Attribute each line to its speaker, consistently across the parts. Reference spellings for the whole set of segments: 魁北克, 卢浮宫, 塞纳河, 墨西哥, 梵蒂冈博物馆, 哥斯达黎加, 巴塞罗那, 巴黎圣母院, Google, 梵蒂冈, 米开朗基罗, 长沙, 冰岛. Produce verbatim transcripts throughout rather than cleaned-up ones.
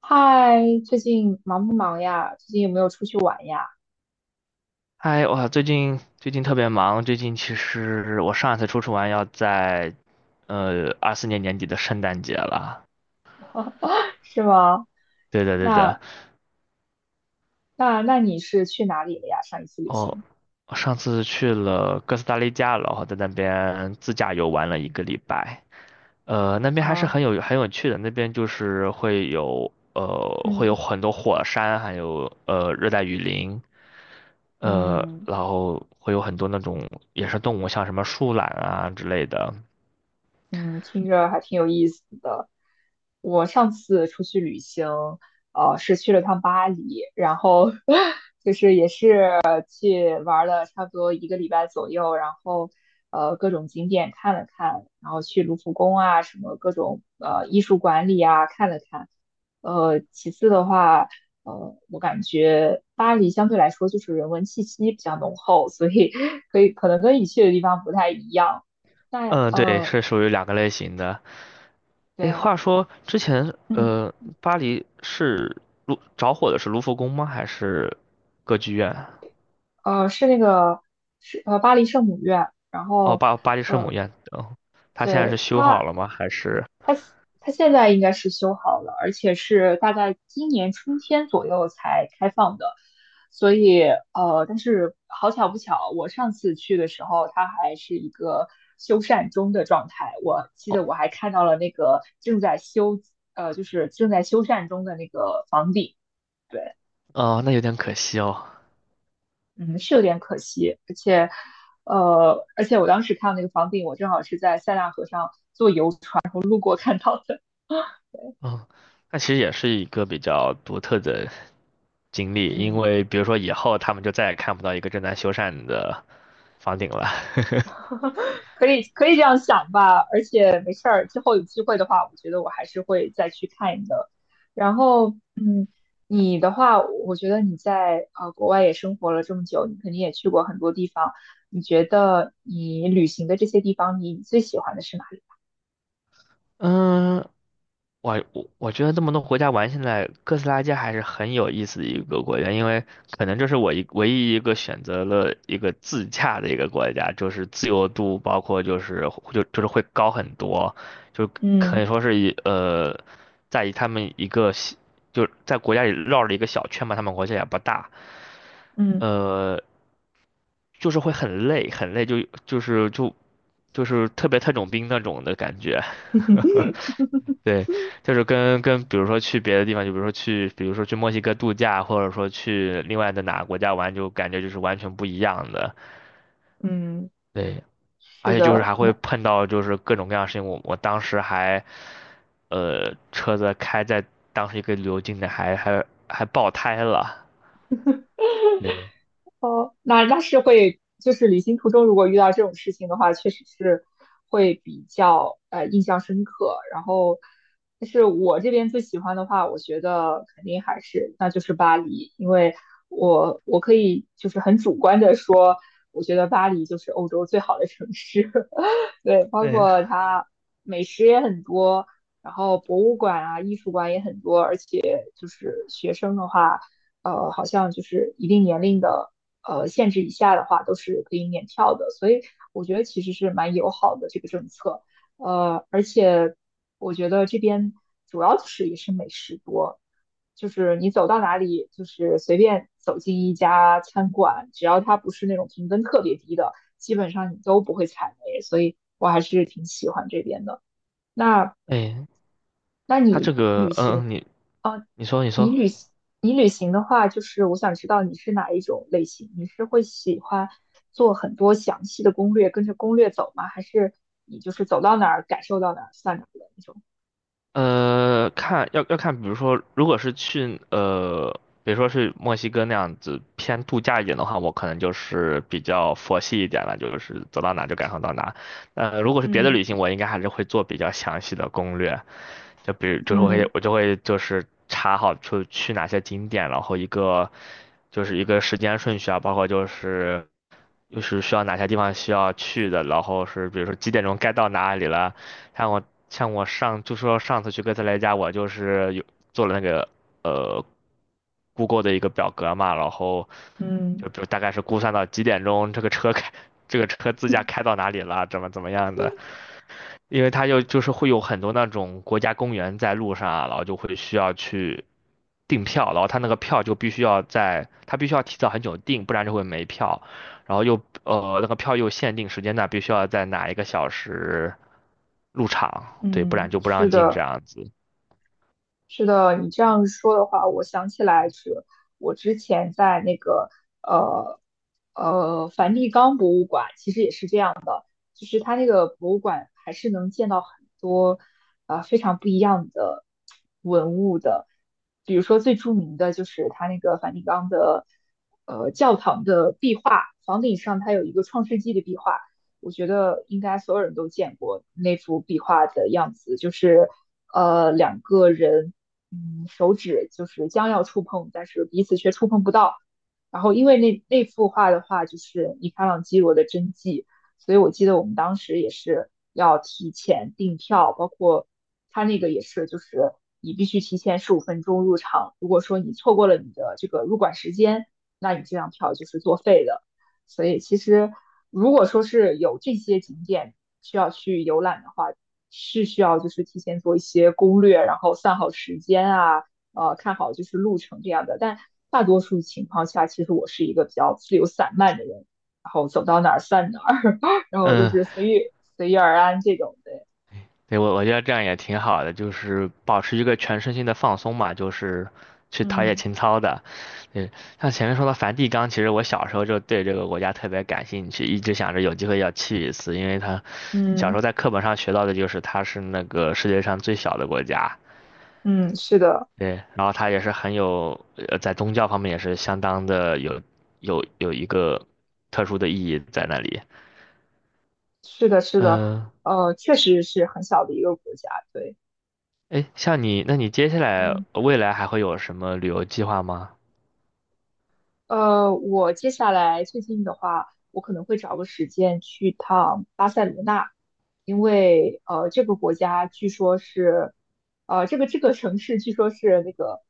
Speaker 1: 嗨，最近忙不忙呀？最近有没有出去玩呀？
Speaker 2: 嗨，我最近最近特别忙。最近其实我上一次出去玩要在，呃，二四年年底的圣诞节了。
Speaker 1: 是吗？
Speaker 2: 对的，对的。
Speaker 1: 那那那你是去哪里了呀？上一次旅
Speaker 2: 哦，
Speaker 1: 行？
Speaker 2: 我上次去了哥斯达黎加，然后在那边自驾游玩了一个礼拜。呃，那边还是
Speaker 1: 啊，
Speaker 2: 很有很有趣的。那边就是会有呃会有
Speaker 1: 嗯
Speaker 2: 很多火山，还有呃热带雨林，呃，
Speaker 1: 嗯，
Speaker 2: 然后会有很多那种野生动物，像什么树懒啊之类的。
Speaker 1: 嗯，听着还挺有意思的。我上次出去旅行，呃，是去了趟巴黎，然后 就是也是去玩了差不多一个礼拜左右，然后呃各种景点看了看，然后去卢浮宫啊，什么各种呃艺术馆里啊看了看。呃，其次的话，呃，我感觉巴黎相对来说就是人文气息比较浓厚，所以 可以可能跟你去的地方不太一样。那
Speaker 2: 嗯，对，
Speaker 1: 呃，
Speaker 2: 是属于两个类型的。哎，
Speaker 1: 对，
Speaker 2: 话说之前，
Speaker 1: 嗯，
Speaker 2: 呃，巴黎是卢着火的是卢浮宫吗？还是歌剧院？
Speaker 1: 呃，是那个是呃巴黎圣母院，然
Speaker 2: 哦，
Speaker 1: 后
Speaker 2: 巴巴黎圣母院。哦，它现在是
Speaker 1: 对
Speaker 2: 修好
Speaker 1: 它
Speaker 2: 了吗？还是？
Speaker 1: 它现在应该是修好了，而且是大概今年春天左右才开放的，所以呃，但是好巧不巧，我上次去的时候，它还是一个修缮中的状态，我记
Speaker 2: 哦，
Speaker 1: 得我还看到了那个正在修呃就是正在修缮中的那个房顶。对。
Speaker 2: 哦，那有点可惜哦。
Speaker 1: 嗯，是有点可惜，而且，呃，而且我当时看那个房顶，我正好是在塞纳河上，
Speaker 2: 嗯，那其实也是一个比较独特的经历，因
Speaker 1: 嗯，
Speaker 2: 为比如说以后他们就再也看不到一个正在修缮的房顶了。
Speaker 1: 可以可以这样想吧，而且没事儿，之后有机会的话，我觉得我还是会再去看一的。然后，嗯，你的话，我觉得你在呃国外也生活了这么久，你肯定也去过很多地方，你觉得你旅行的这些地方，你最喜欢的是哪里？
Speaker 2: 嗯，我我我觉得这么多国家玩下来，哥斯拉街还是很有意思的一个国家，因为可能这是我一唯一一个选择了一个自驾的一个国家，就是自由度包括就是就就是会高很多，就可
Speaker 1: 嗯
Speaker 2: 以说是一呃，在于他们一个小就是在国家里绕了一个小圈嘛，他们国家也不大，
Speaker 1: 嗯
Speaker 2: 呃，就是会很累很累，就就是就就是特别特种兵那种的感觉。对，就是跟跟，比如说去别的地方，就比如说去，比如说去墨西哥度假，或者说去另外的哪个国家玩，就感觉就是完全不一样的。
Speaker 1: 嗯，
Speaker 2: 对，而
Speaker 1: 是
Speaker 2: 且就是
Speaker 1: 的，
Speaker 2: 还会
Speaker 1: 那。
Speaker 2: 碰到就是各种各样的事情。我我当时还，呃，车子开在当时一个旅游景点还还还爆胎了。对，
Speaker 1: 哦，那那是会，就是旅行途中如果遇到这种事情的话，确实是会比较呃印象深刻。然后，但是我这边最喜欢的话，我觉得肯定还是那就是巴黎，因为我我可以就是很主观的说，我觉得巴黎就是欧洲最好的城市。对，包
Speaker 2: 哎
Speaker 1: 括它美食也很多，然后博物馆啊、艺术馆也很多，而且就是学生的话。呃，好像就是一定年龄的呃限制以下的话，都是可以免票的。所以我觉得其实是蛮友好的这个政策。呃，而且我觉得这边主要就是也是美食多，就是你走到哪里，就是随便走进一家餐馆，只要它不是那种评分特别低的，基本上你都不会踩雷。所以我还是挺喜欢这边的。那
Speaker 2: 哎，
Speaker 1: 那
Speaker 2: 他这
Speaker 1: 你？
Speaker 2: 个，
Speaker 1: 旅
Speaker 2: 嗯，
Speaker 1: 行？
Speaker 2: 嗯，你你说你
Speaker 1: 你
Speaker 2: 说，
Speaker 1: 旅行，你旅行的话，就是我想知道你是哪一种类型，你是会喜欢做很多详细的攻略，跟着攻略走吗？还是你就是走到哪儿感受到哪儿算哪儿的那种？
Speaker 2: 呃，看要要看，比如说，如果是去呃，比如说是墨西哥那样子偏度假一点的话，我可能就是比较佛系一点了，就是走到哪就赶上到哪。呃，如果是别的
Speaker 1: 嗯
Speaker 2: 旅行，我应该还是会做比较详细的攻略，就比如就是我会
Speaker 1: 嗯
Speaker 2: 我就会就是查好就去哪些景点，然后一个就是一个时间顺序啊，包括就是就是需要哪些地方需要去的，然后是比如说几点钟该到哪里了。像我像我上就说上次去哥斯达黎加，我就是有做了那个呃 Google 的一个表格嘛，然后
Speaker 1: 嗯
Speaker 2: 就比如大概是估算到几点钟这个车开这个车自驾开到哪里了，怎么怎么样的。因为它就就是会有很多那种国家公园在路上啊，然后就会需要去订票，然后他那个票就必须要在，他必须要提早很久订，不然就会没票。然后又呃那个票又限定时间段，必须要在哪一个小时入场，对，不然
Speaker 1: 嗯，
Speaker 2: 就不
Speaker 1: 是
Speaker 2: 让进这
Speaker 1: 的，
Speaker 2: 样子。
Speaker 1: 是的，你这样说的话，我想起来是我之前在那个呃呃梵蒂冈博物馆，其实也是这样的，就是它那个博物馆还是能见到很多啊呃非常不一样的文物的，比如说最著名的就是它那个梵蒂冈的呃教堂的壁画，房顶上它有一个创世纪的壁画。我觉得应该所有人都见过那幅壁画的样子，就是呃两个人，嗯，手指就是将要触碰，但是彼此却触碰不到。然后因为那那幅画的话，就是米开朗基罗的真迹，所以我记得我们当时也是要提前订票，包括他那个也是，就是你必须提前十五分钟入场，如果说你错过了你的这个入馆时间，那你这张票就是作废的。所以其实如果说是有这些景点需要去游览的话，是需要就是提前做一些攻略，然后算好时间啊，呃，看好就是路程这样的。但大多数情况下，其实我是一个比较自由散漫的人，然后走到哪儿算哪儿，然后就
Speaker 2: 嗯，
Speaker 1: 是随遇随遇而安这种的。
Speaker 2: 对，我我觉得这样也挺好的，就是保持一个全身心的放松嘛，就是去陶冶
Speaker 1: 嗯
Speaker 2: 情操的。嗯，像前面说的梵蒂冈，其实我小时候就对这个国家特别感兴趣，一直想着有机会要去一次，因为它小时候
Speaker 1: 嗯
Speaker 2: 在课本上学到的就是它是那个世界上最小的国家。
Speaker 1: 嗯，是的，
Speaker 2: 对，然后它也是很有，呃，在宗教方面也是相当的有有有一个特殊的意义在那里。
Speaker 1: 是的，是的，
Speaker 2: 嗯、
Speaker 1: 呃，确实是很小的一个国家，对。
Speaker 2: 呃，哎，像你，那你接下来
Speaker 1: 嗯，
Speaker 2: 未来还会有什么旅游计划吗？
Speaker 1: 呃，我接下来最近的话，我可能会找个时间去趟巴塞罗那，因为呃，这个国家据说是，呃，这个这个城市据说是那个，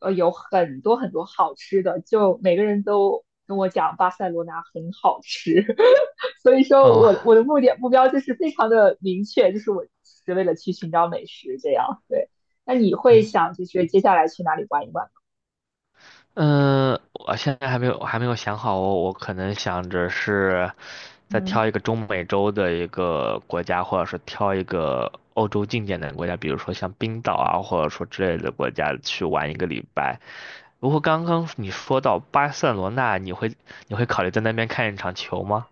Speaker 1: 呃，有很多很多好吃的，就每个人都跟我讲巴塞罗那很好吃，所以说
Speaker 2: 哦，
Speaker 1: 我我的目的目标就是非常的明确，就是我是为了去寻找美食这样。对，那你会
Speaker 2: 您，
Speaker 1: 想就是接下来去哪里玩一玩吗？
Speaker 2: 嗯，我现在还没有，我还没有想好我，我可能想着是再
Speaker 1: 嗯。
Speaker 2: 挑一个中美洲的一个国家，或者是挑一个欧洲近点的国家，比如说像冰岛啊，或者说之类的国家去玩一个礼拜。不过刚刚你说到巴塞罗那，你会你会考虑在那边看一场球吗？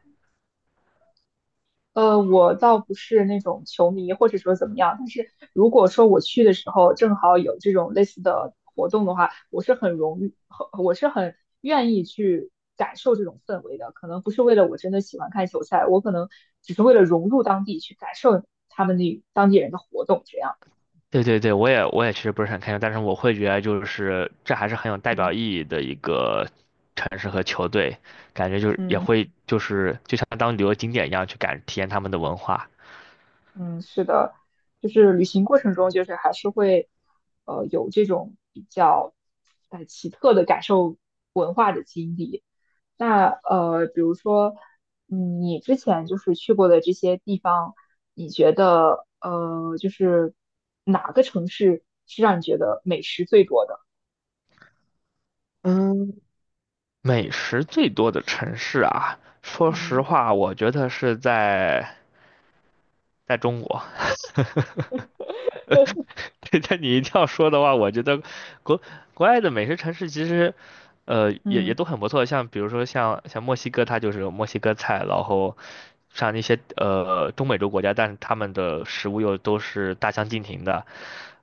Speaker 1: 呃，我倒不是那种球迷，或者说怎么样，但是如果说我去的时候正好有这种类似的活动的话，我是很容，誉，很我是很愿意去感受这种氛围的。可能不是为了我真的喜欢看球赛，我可能只是为了融入当地，去感受他们那当地人的活动这样。
Speaker 2: 对对对，我也我也其实不是很开心，但是我会觉得就是这还是很有代
Speaker 1: 嗯
Speaker 2: 表意义的一个城市和球队，感觉就是也
Speaker 1: 嗯
Speaker 2: 会就是就像当旅游景点一样去感体验他们的文化。
Speaker 1: 嗯，是的，就是旅行过程中，就是还是会呃有这种比较呃奇特的感受文化的经历。那呃，比如说，嗯，你之前就是去过的这些地方，你觉得呃，就是哪个城市是让你觉得美食最多的？
Speaker 2: 嗯，美食最多的城市啊，说实
Speaker 1: 嗯
Speaker 2: 话，我觉得是在在中国。对，但你一定要说的话，我觉得国国外的美食城市其实，呃，也也
Speaker 1: 嗯
Speaker 2: 都很不错。像比如说像像墨西哥，它就是有墨西哥菜，然后像那些呃中美洲国家，但是他们的食物又都是大相径庭的。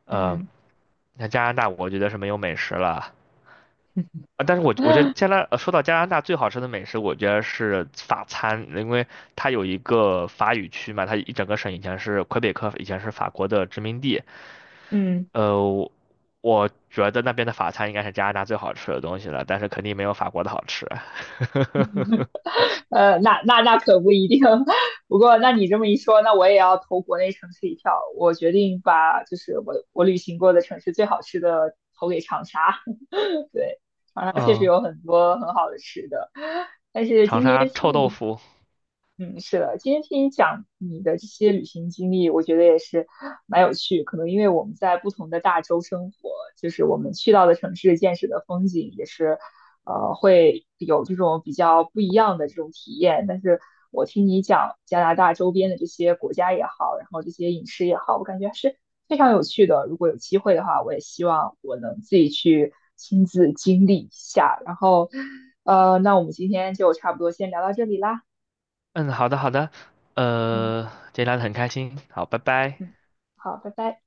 Speaker 2: 呃，
Speaker 1: 嗯
Speaker 2: 像加拿大，我觉得是没有美食了。啊，但是我我觉得加拿，呃说到加拿大最好吃的美食，我觉得是法餐，因为它有一个法语区嘛，它一整个省以前是魁北克，以前是法国的殖民地。
Speaker 1: 嗯，
Speaker 2: 呃，我我觉得那边的法餐应该是加拿大最好吃的东西了，但是肯定没有法国的好吃。
Speaker 1: 呃，那那那可不一定。不过，那你这么一说，那我也要投国内城市一票。我决定把就是我我旅行过的城市最好吃的投给长沙，对，它确实
Speaker 2: 嗯，
Speaker 1: 有很多很好的吃的。
Speaker 2: 长沙臭豆腐。
Speaker 1: 嗯，是的，今天听你讲你的这些旅行经历，我觉得也是蛮有趣。可能因为我们在不同的大洲生活，就是我们去到的城市见识的风景也是，呃，会有这种比较不一样的这种体验。但是我听你讲加拿大周边的这些国家也好，然后这些饮食也好，我感觉还是非常有趣的。如果有机会的话，我也希望我能自己去亲自经历一下。然后，呃，那我们今天就差不多先聊到这里啦。
Speaker 2: 嗯，好的好的，
Speaker 1: 嗯。
Speaker 2: 呃，今天聊得很开心，好，拜拜。
Speaker 1: 嗯，好，拜拜。